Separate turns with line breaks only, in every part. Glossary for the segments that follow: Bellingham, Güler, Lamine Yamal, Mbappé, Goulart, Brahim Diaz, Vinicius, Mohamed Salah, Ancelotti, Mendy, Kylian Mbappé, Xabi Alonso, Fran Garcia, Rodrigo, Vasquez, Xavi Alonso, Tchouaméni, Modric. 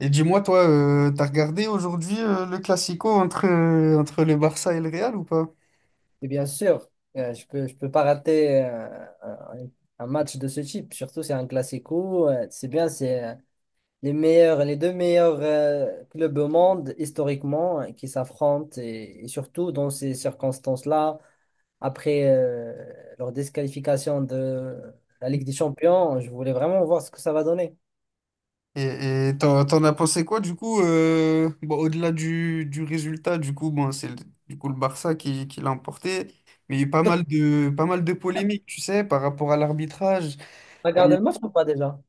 Et dis-moi, toi, t'as regardé aujourd'hui le Classico entre, entre le Barça et le Real ou pas?
Et bien sûr, je peux pas rater un match de ce type. Surtout, c'est un Classico. C'est bien, c'est les meilleurs, les deux meilleurs clubs au monde historiquement qui s'affrontent et surtout dans ces circonstances-là, après leur disqualification de la Ligue des Champions, je voulais vraiment voir ce que ça va donner.
Et t'en as pensé quoi du coup bon, au-delà du résultat, du coup, bon, du coup le Barça qui l'a emporté, mais il y a eu pas mal de polémiques, tu sais, par rapport à l'arbitrage.
T'as
Euh,
regardé le match ou pas déjà?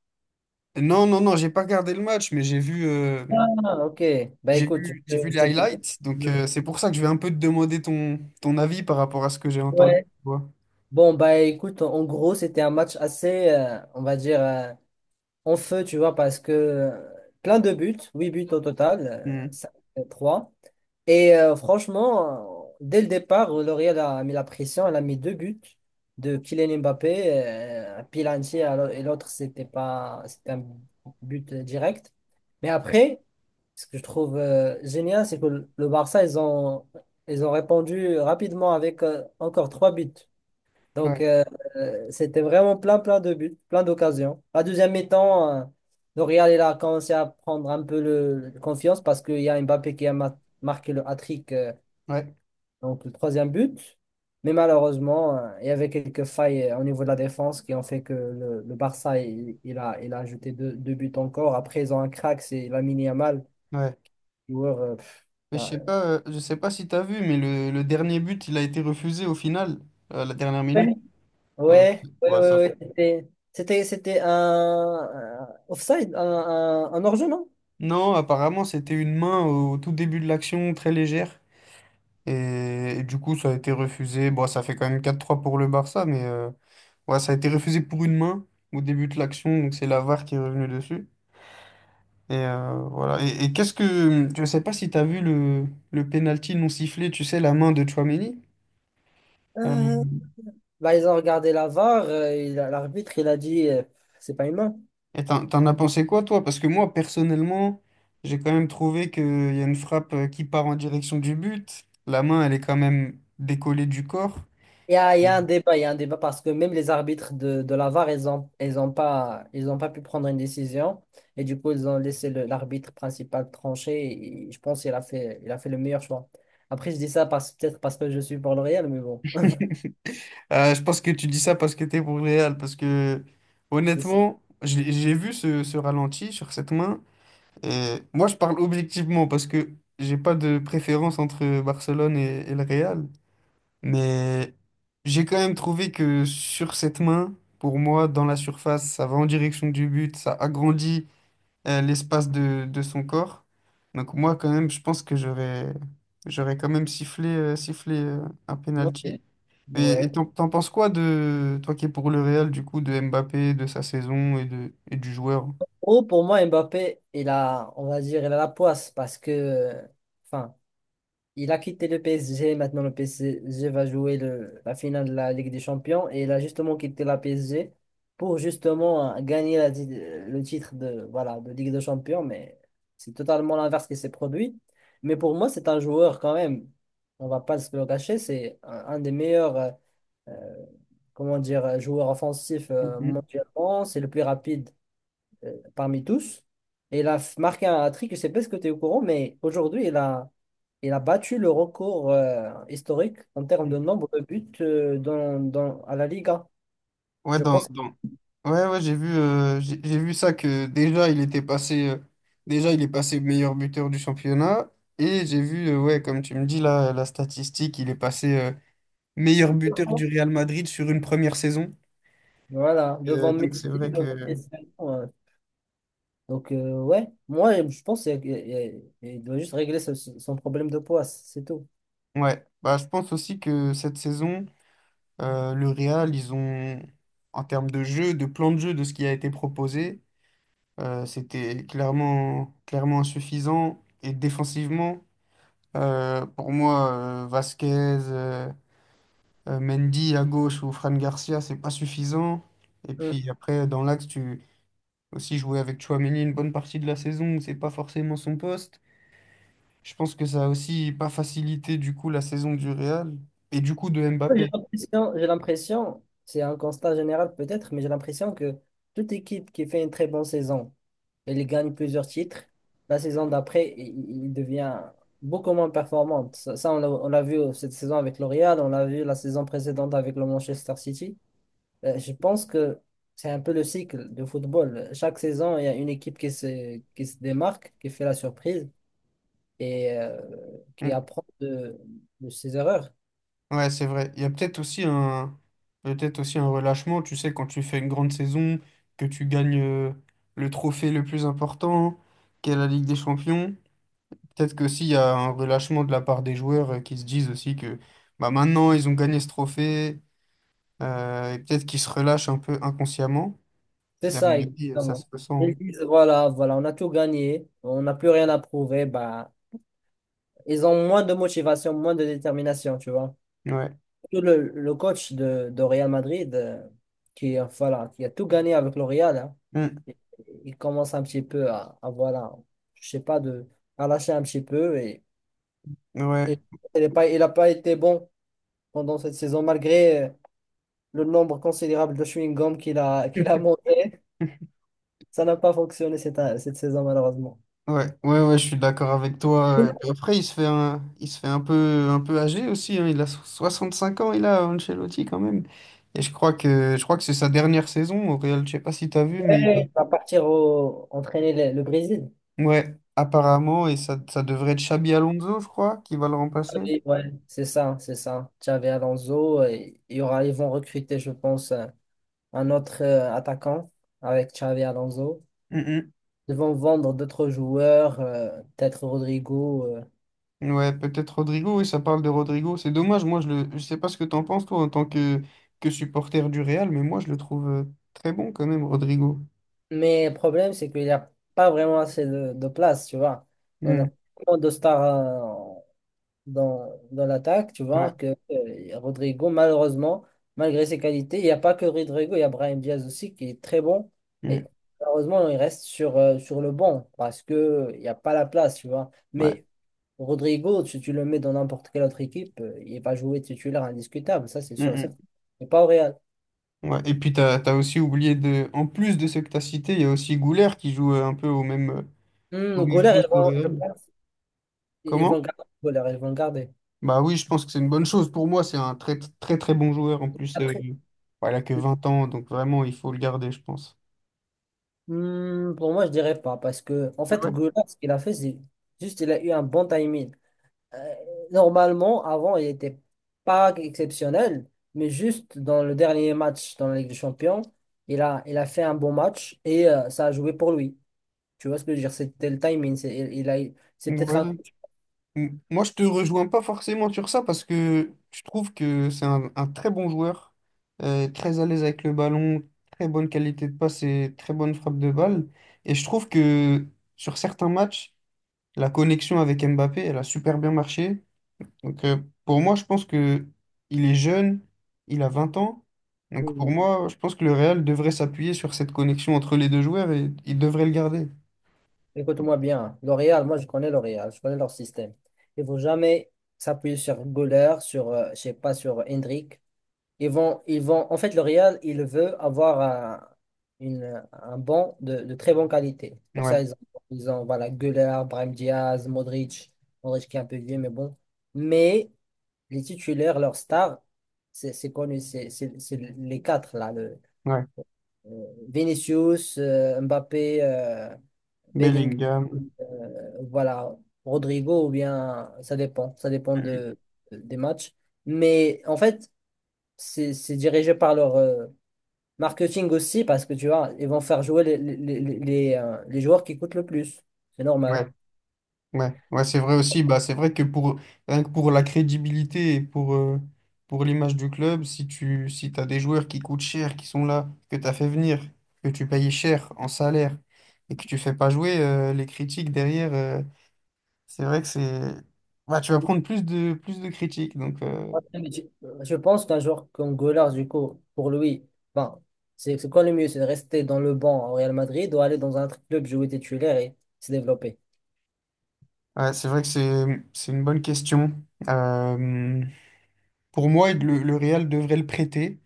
Non, non, non, j'ai pas regardé le match, mais
Ah, ok. Bah écoute, je te,
j'ai vu
je
les
te dis.
highlights, donc
je-
c'est pour ça que je vais un peu te demander ton avis par rapport à ce que j'ai entendu.
ouais.
Tu vois.
Bon, bah écoute, en gros, c'était un match assez, on va dire, en feu, tu vois, parce que plein de buts, 8 buts au total,
Hmm.
3 et franchement, dès le départ, L'Oréal a mis la pression, elle a mis 2 buts de Kylian Mbappé, un Pilanti et l'autre, c'était pas, c'était un but direct. Mais après, ce que je trouve génial, c'est que le Barça, ils ont répondu rapidement avec encore 3 buts. Donc,
Ouais,
c'était vraiment plein, plein de buts, plein d'occasions. La deuxième mi-temps, le Real il a commencé à prendre un peu le confiance parce qu'il y a Mbappé qui a marqué le hat-trick,
ouais,
donc le troisième but. Mais malheureusement, il y avait quelques failles au niveau de la défense qui ont fait que le Barça, il a ajouté 2 buts encore. Après, ils ont un crack, c'est Lamine Yamal,
ouais.
joueur,
Mais
ben,
je sais pas si t'as vu, mais le dernier but, il a été refusé au final, à la dernière
ouais.
minute. Donc,
Ouais, ouais, ouais,
ouais, ça-
ouais, C'était un offside, un hors-jeu, non?
Non, apparemment, c'était une main au tout début de l'action, très légère. Et du coup, ça a été refusé. Bon, ça fait quand même 4-3 pour le Barça, mais ouais, ça a été refusé pour une main au début de l'action. Donc, c'est la VAR qui est revenue dessus. Voilà. Et qu'est-ce que. Je sais pas si t'as vu le penalty non sifflé, tu sais, la main de Tchouaméni. Euh,
Euh, Bah, ils ont regardé la VAR, l'arbitre, il a dit, c'est pas humain.
Et t'en as pensé quoi, toi? Parce que moi, personnellement, j'ai quand même trouvé qu'il y a une frappe qui part en direction du but. La main, elle est quand même décollée du corps.
Il y
Mm.
a un débat, il y a un débat parce que même les arbitres de la VAR, ils ont pas pu prendre une décision. Et du coup, ils ont laissé l'arbitre principal trancher. Et je pense qu'il a fait le meilleur choix. Après, je dis ça peut-être parce que je suis pour le Real, mais bon,
Je pense que tu dis ça parce que t'es pour le Real. Parce que,
c'est ça.
honnêtement, j'ai vu ce ralenti sur cette main. Et moi, je parle objectivement parce que j'ai pas de préférence entre Barcelone et le Real. Mais j'ai quand même trouvé que sur cette main, pour moi, dans la surface, ça va en direction du but, ça agrandit l'espace de son corps. Donc moi, quand même, je pense que j'aurais quand même sifflé un
Ok.
penalty. Et et
Ouais.
t'en t'en penses quoi de toi qui es pour le Real, du coup, de Mbappé, de sa saison et du joueur?
Oh, pour moi, Mbappé, on va dire, il a la poisse parce que, enfin, il a quitté le PSG, maintenant le PSG va jouer la finale de la Ligue des Champions et il a justement quitté la PSG pour justement gagner le titre de, voilà, de Ligue des Champions, mais c'est totalement l'inverse qui s'est produit. Mais pour moi, c'est un joueur quand même, on va pas se le cacher, c'est un des meilleurs euh, comment dire, joueurs offensifs
Mhm.
mondialement, c'est le plus rapide parmi tous. Et il a marqué un hat-trick, je ne sais pas ce que tu es au courant, mais aujourd'hui, il a battu le record historique en termes de nombre de buts à la Liga.
Ouais,
Je
dans,
pense que-
dans- Ouais, ouais, j'ai vu ça que déjà il est passé meilleur buteur du championnat et j'ai vu, ouais, comme tu me dis là, la statistique, il est passé meilleur buteur du Real Madrid sur une première saison.
voilà, devant
Donc
Messi,
c'est vrai que,
devant Cristiano. Donc, ouais, moi, je pense qu'il doit juste régler son problème de poids, c'est tout.
ouais, bah je pense aussi que cette saison, le Real, ils ont, en termes de jeu, de plan de jeu, de ce qui a été proposé, c'était clairement insuffisant et défensivement. Pour moi, Vasquez, Mendy à gauche ou Fran Garcia, c'est pas suffisant. Et
Mm.
puis après, dans l'axe, tu aussi jouer avec Chouameni une bonne partie de la saison où c'est pas forcément son poste. Je pense que ça a aussi pas facilité du coup la saison du Real et du coup de
J'ai
Mbappé.
l'impression, c'est un constat général peut-être, mais j'ai l'impression que toute équipe qui fait une très bonne saison, il gagne plusieurs titres. La saison d'après, il devient beaucoup moins performant. Ça, on l'a vu cette saison avec L'Oréal, on l'a vu la saison précédente avec le Manchester City. Je pense que c'est un peu le cycle de football. Chaque saison, il y a une équipe qui se démarque, qui fait la surprise et qui
Mm.
apprend de ses erreurs.
Ouais, c'est vrai. Il y a peut-être aussi un Peut-être aussi un relâchement, tu sais, quand tu fais une grande saison, que tu gagnes le trophée le plus important, qu'est la Ligue des Champions. Peut-être qu'aussi, il y a un relâchement de la part des joueurs qui se disent aussi que bah, maintenant, ils ont gagné ce trophée, et peut-être qu'ils se relâchent un peu inconsciemment.
C'est
Et à mon
ça,
avis, ça se
exactement. Ils
ressent.
disent, voilà, voilà, on a tout gagné, on n'a plus rien à prouver, bah, ils ont moins de motivation, moins de détermination, tu vois.
Hein. Ouais.
Tout le coach de Real Madrid, voilà, qui a tout gagné avec le Real, hein,
Mm.
il il commence un petit peu à, voilà, je sais pas, à lâcher un petit peu. Et,
Ouais.
et, il a pas été bon pendant cette saison, malgré le nombre considérable de chewing-gum qu'il a monté. Ça n'a pas fonctionné cette saison, malheureusement.
Ouais, ouais, ouais, je suis d'accord avec toi. Et
Sinon,
puis après, il se fait un peu âgé aussi. Hein. 5 ans, il a Ancelotti quand même. Et je crois que c'est sa dernière saison au Real. Je sais pas si tu as vu, mais
il va partir entraîner le Brésil.
ouais, apparemment, et ça devrait être Xabi Alonso, je crois, qui va le remplacer.
Xavi, ouais, c'est ça, c'est ça. Xavi Alonso, ils vont recruter, je pense, un autre attaquant avec Xavi Alonso.
Mm, mm.
Ils vont vendre d'autres joueurs, peut-être Rodrigo.
Ouais, peut-être Rodrigo, oui, ça parle de Rodrigo. C'est dommage, moi je sais pas ce que t'en penses toi en tant que supporter du Real, mais moi je le trouve très bon quand même, Rodrigo.
Mais le problème, c'est qu'il n'y a pas vraiment assez de place, tu vois. On a
Mm.
tellement de stars dans l'attaque, tu
Ouais.
vois, que Rodrigo, malheureusement, malgré ses qualités, il n'y a pas que Rodrigo, il y a Brahim Diaz aussi qui est très bon.
Mm.
Et malheureusement, il reste sur le banc parce que il n'y a pas la place, tu vois.
Ouais.
Mais Rodrigo, si tu le mets dans n'importe quelle autre équipe, il va jouer titulaire indiscutable, ça c'est sûr et
Mm,
certain. Mais pas au Real.
mm. Ouais. Et puis t'as aussi oublié de. En plus de ceux que t'as cités, il y a aussi Goulart qui joue un peu
Hmm,
au
le
même
goaler, ils
poste au
vont, je
Real.
pense, ils vont
Comment?
le garder le goaler, ils vont le garder.
Bah oui, je pense que c'est une bonne chose. Pour moi, c'est un très très très bon joueur. En plus,
Après,
voilà, que 20 ans, donc vraiment, il faut le garder, je pense.
hmm, pour moi, je dirais pas parce que, en fait,
Ah,
goaler, ce qu'il a fait, c'est juste il a eu un bon timing. Euh, Normalement, avant, il n'était pas exceptionnel, mais juste dans le dernier match dans la Ligue des Champions, il a fait un bon match et ça a joué pour lui. Tu vois ce que je veux dire? C'était le timing. C'est, il a, C'est
ouais,
peut-être
ouais,
un coach.
Moi, je te rejoins pas forcément sur ça parce que je trouve que c'est un très bon joueur, très à l'aise avec le ballon, très bonne qualité de passe et très bonne frappe de balle. Et je trouve que sur certains matchs, la connexion avec Mbappé, elle a super bien marché. Donc, pour moi, je pense que il est jeune, il a 20 ans. Donc,
Hmm.
pour moi, je pense que le Real devrait s'appuyer sur cette connexion entre les deux joueurs et il devrait le garder.
Écoute-moi bien. Hein, L'Oréal, moi, je connais L'Oréal, je connais leur système. Il ne faut jamais s'appuyer sur Goller, sur, je sais pas, sur Hendrik. Ils vont, en fait, le Real, il veut avoir un, une, un banc de très bonne qualité. Pour ça,
Ouais,
ils ont voilà, Güler, Brahim Diaz, Modric, Modric qui est un peu vieux, mais bon. Mais les titulaires, leurs stars, c'est connu, c'est les quatre, là.
ouais.
Vinicius, Mbappé, Bellingham,
Bellingham.
voilà, Rodrigo, ou bien, ça dépend
Mhm.
des matchs. Mais en fait, c'est dirigé par leur marketing aussi, parce que tu vois, ils vont faire jouer les joueurs qui coûtent le plus. C'est normal.
Ouais. Ouais, ouais, c'est vrai aussi. Bah, c'est vrai que pour, rien que pour la crédibilité et pour l'image du club, si t'as des joueurs qui coûtent cher, qui sont là, que tu as fait venir, que tu payes cher en salaire et que tu fais pas jouer, les critiques derrière, c'est vrai que c'est. Bah, tu vas prendre plus de critiques. Donc,
Ah, mais je pense qu'un joueur comme Gollars, du coup, pour lui, enfin, c'est quoi le mieux? C'est de rester dans le banc au Real Madrid ou aller dans un autre club jouer titulaire et se développer?
ouais, c'est vrai que c'est une bonne question. Euh, pour moi, le Real devrait le prêter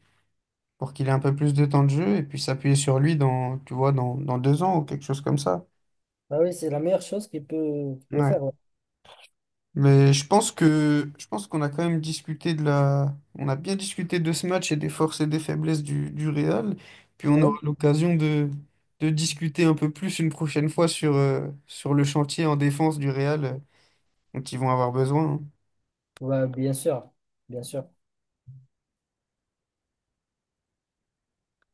pour qu'il ait un peu plus de temps de jeu et puis s'appuyer sur lui dans, tu vois, dans 2 ans ou quelque chose comme ça.
Bah oui, c'est la meilleure chose qu'il peut
Ouais.
faire.
Mais je pense qu'on a quand même discuté de la on a bien discuté de ce match et des forces et des faiblesses du Real. Puis on
Ouais.
aura l'occasion de discuter un peu plus une prochaine fois sur, sur le chantier en défense du Real dont ils vont avoir besoin. Hein.
Ouais, bien sûr, bien sûr.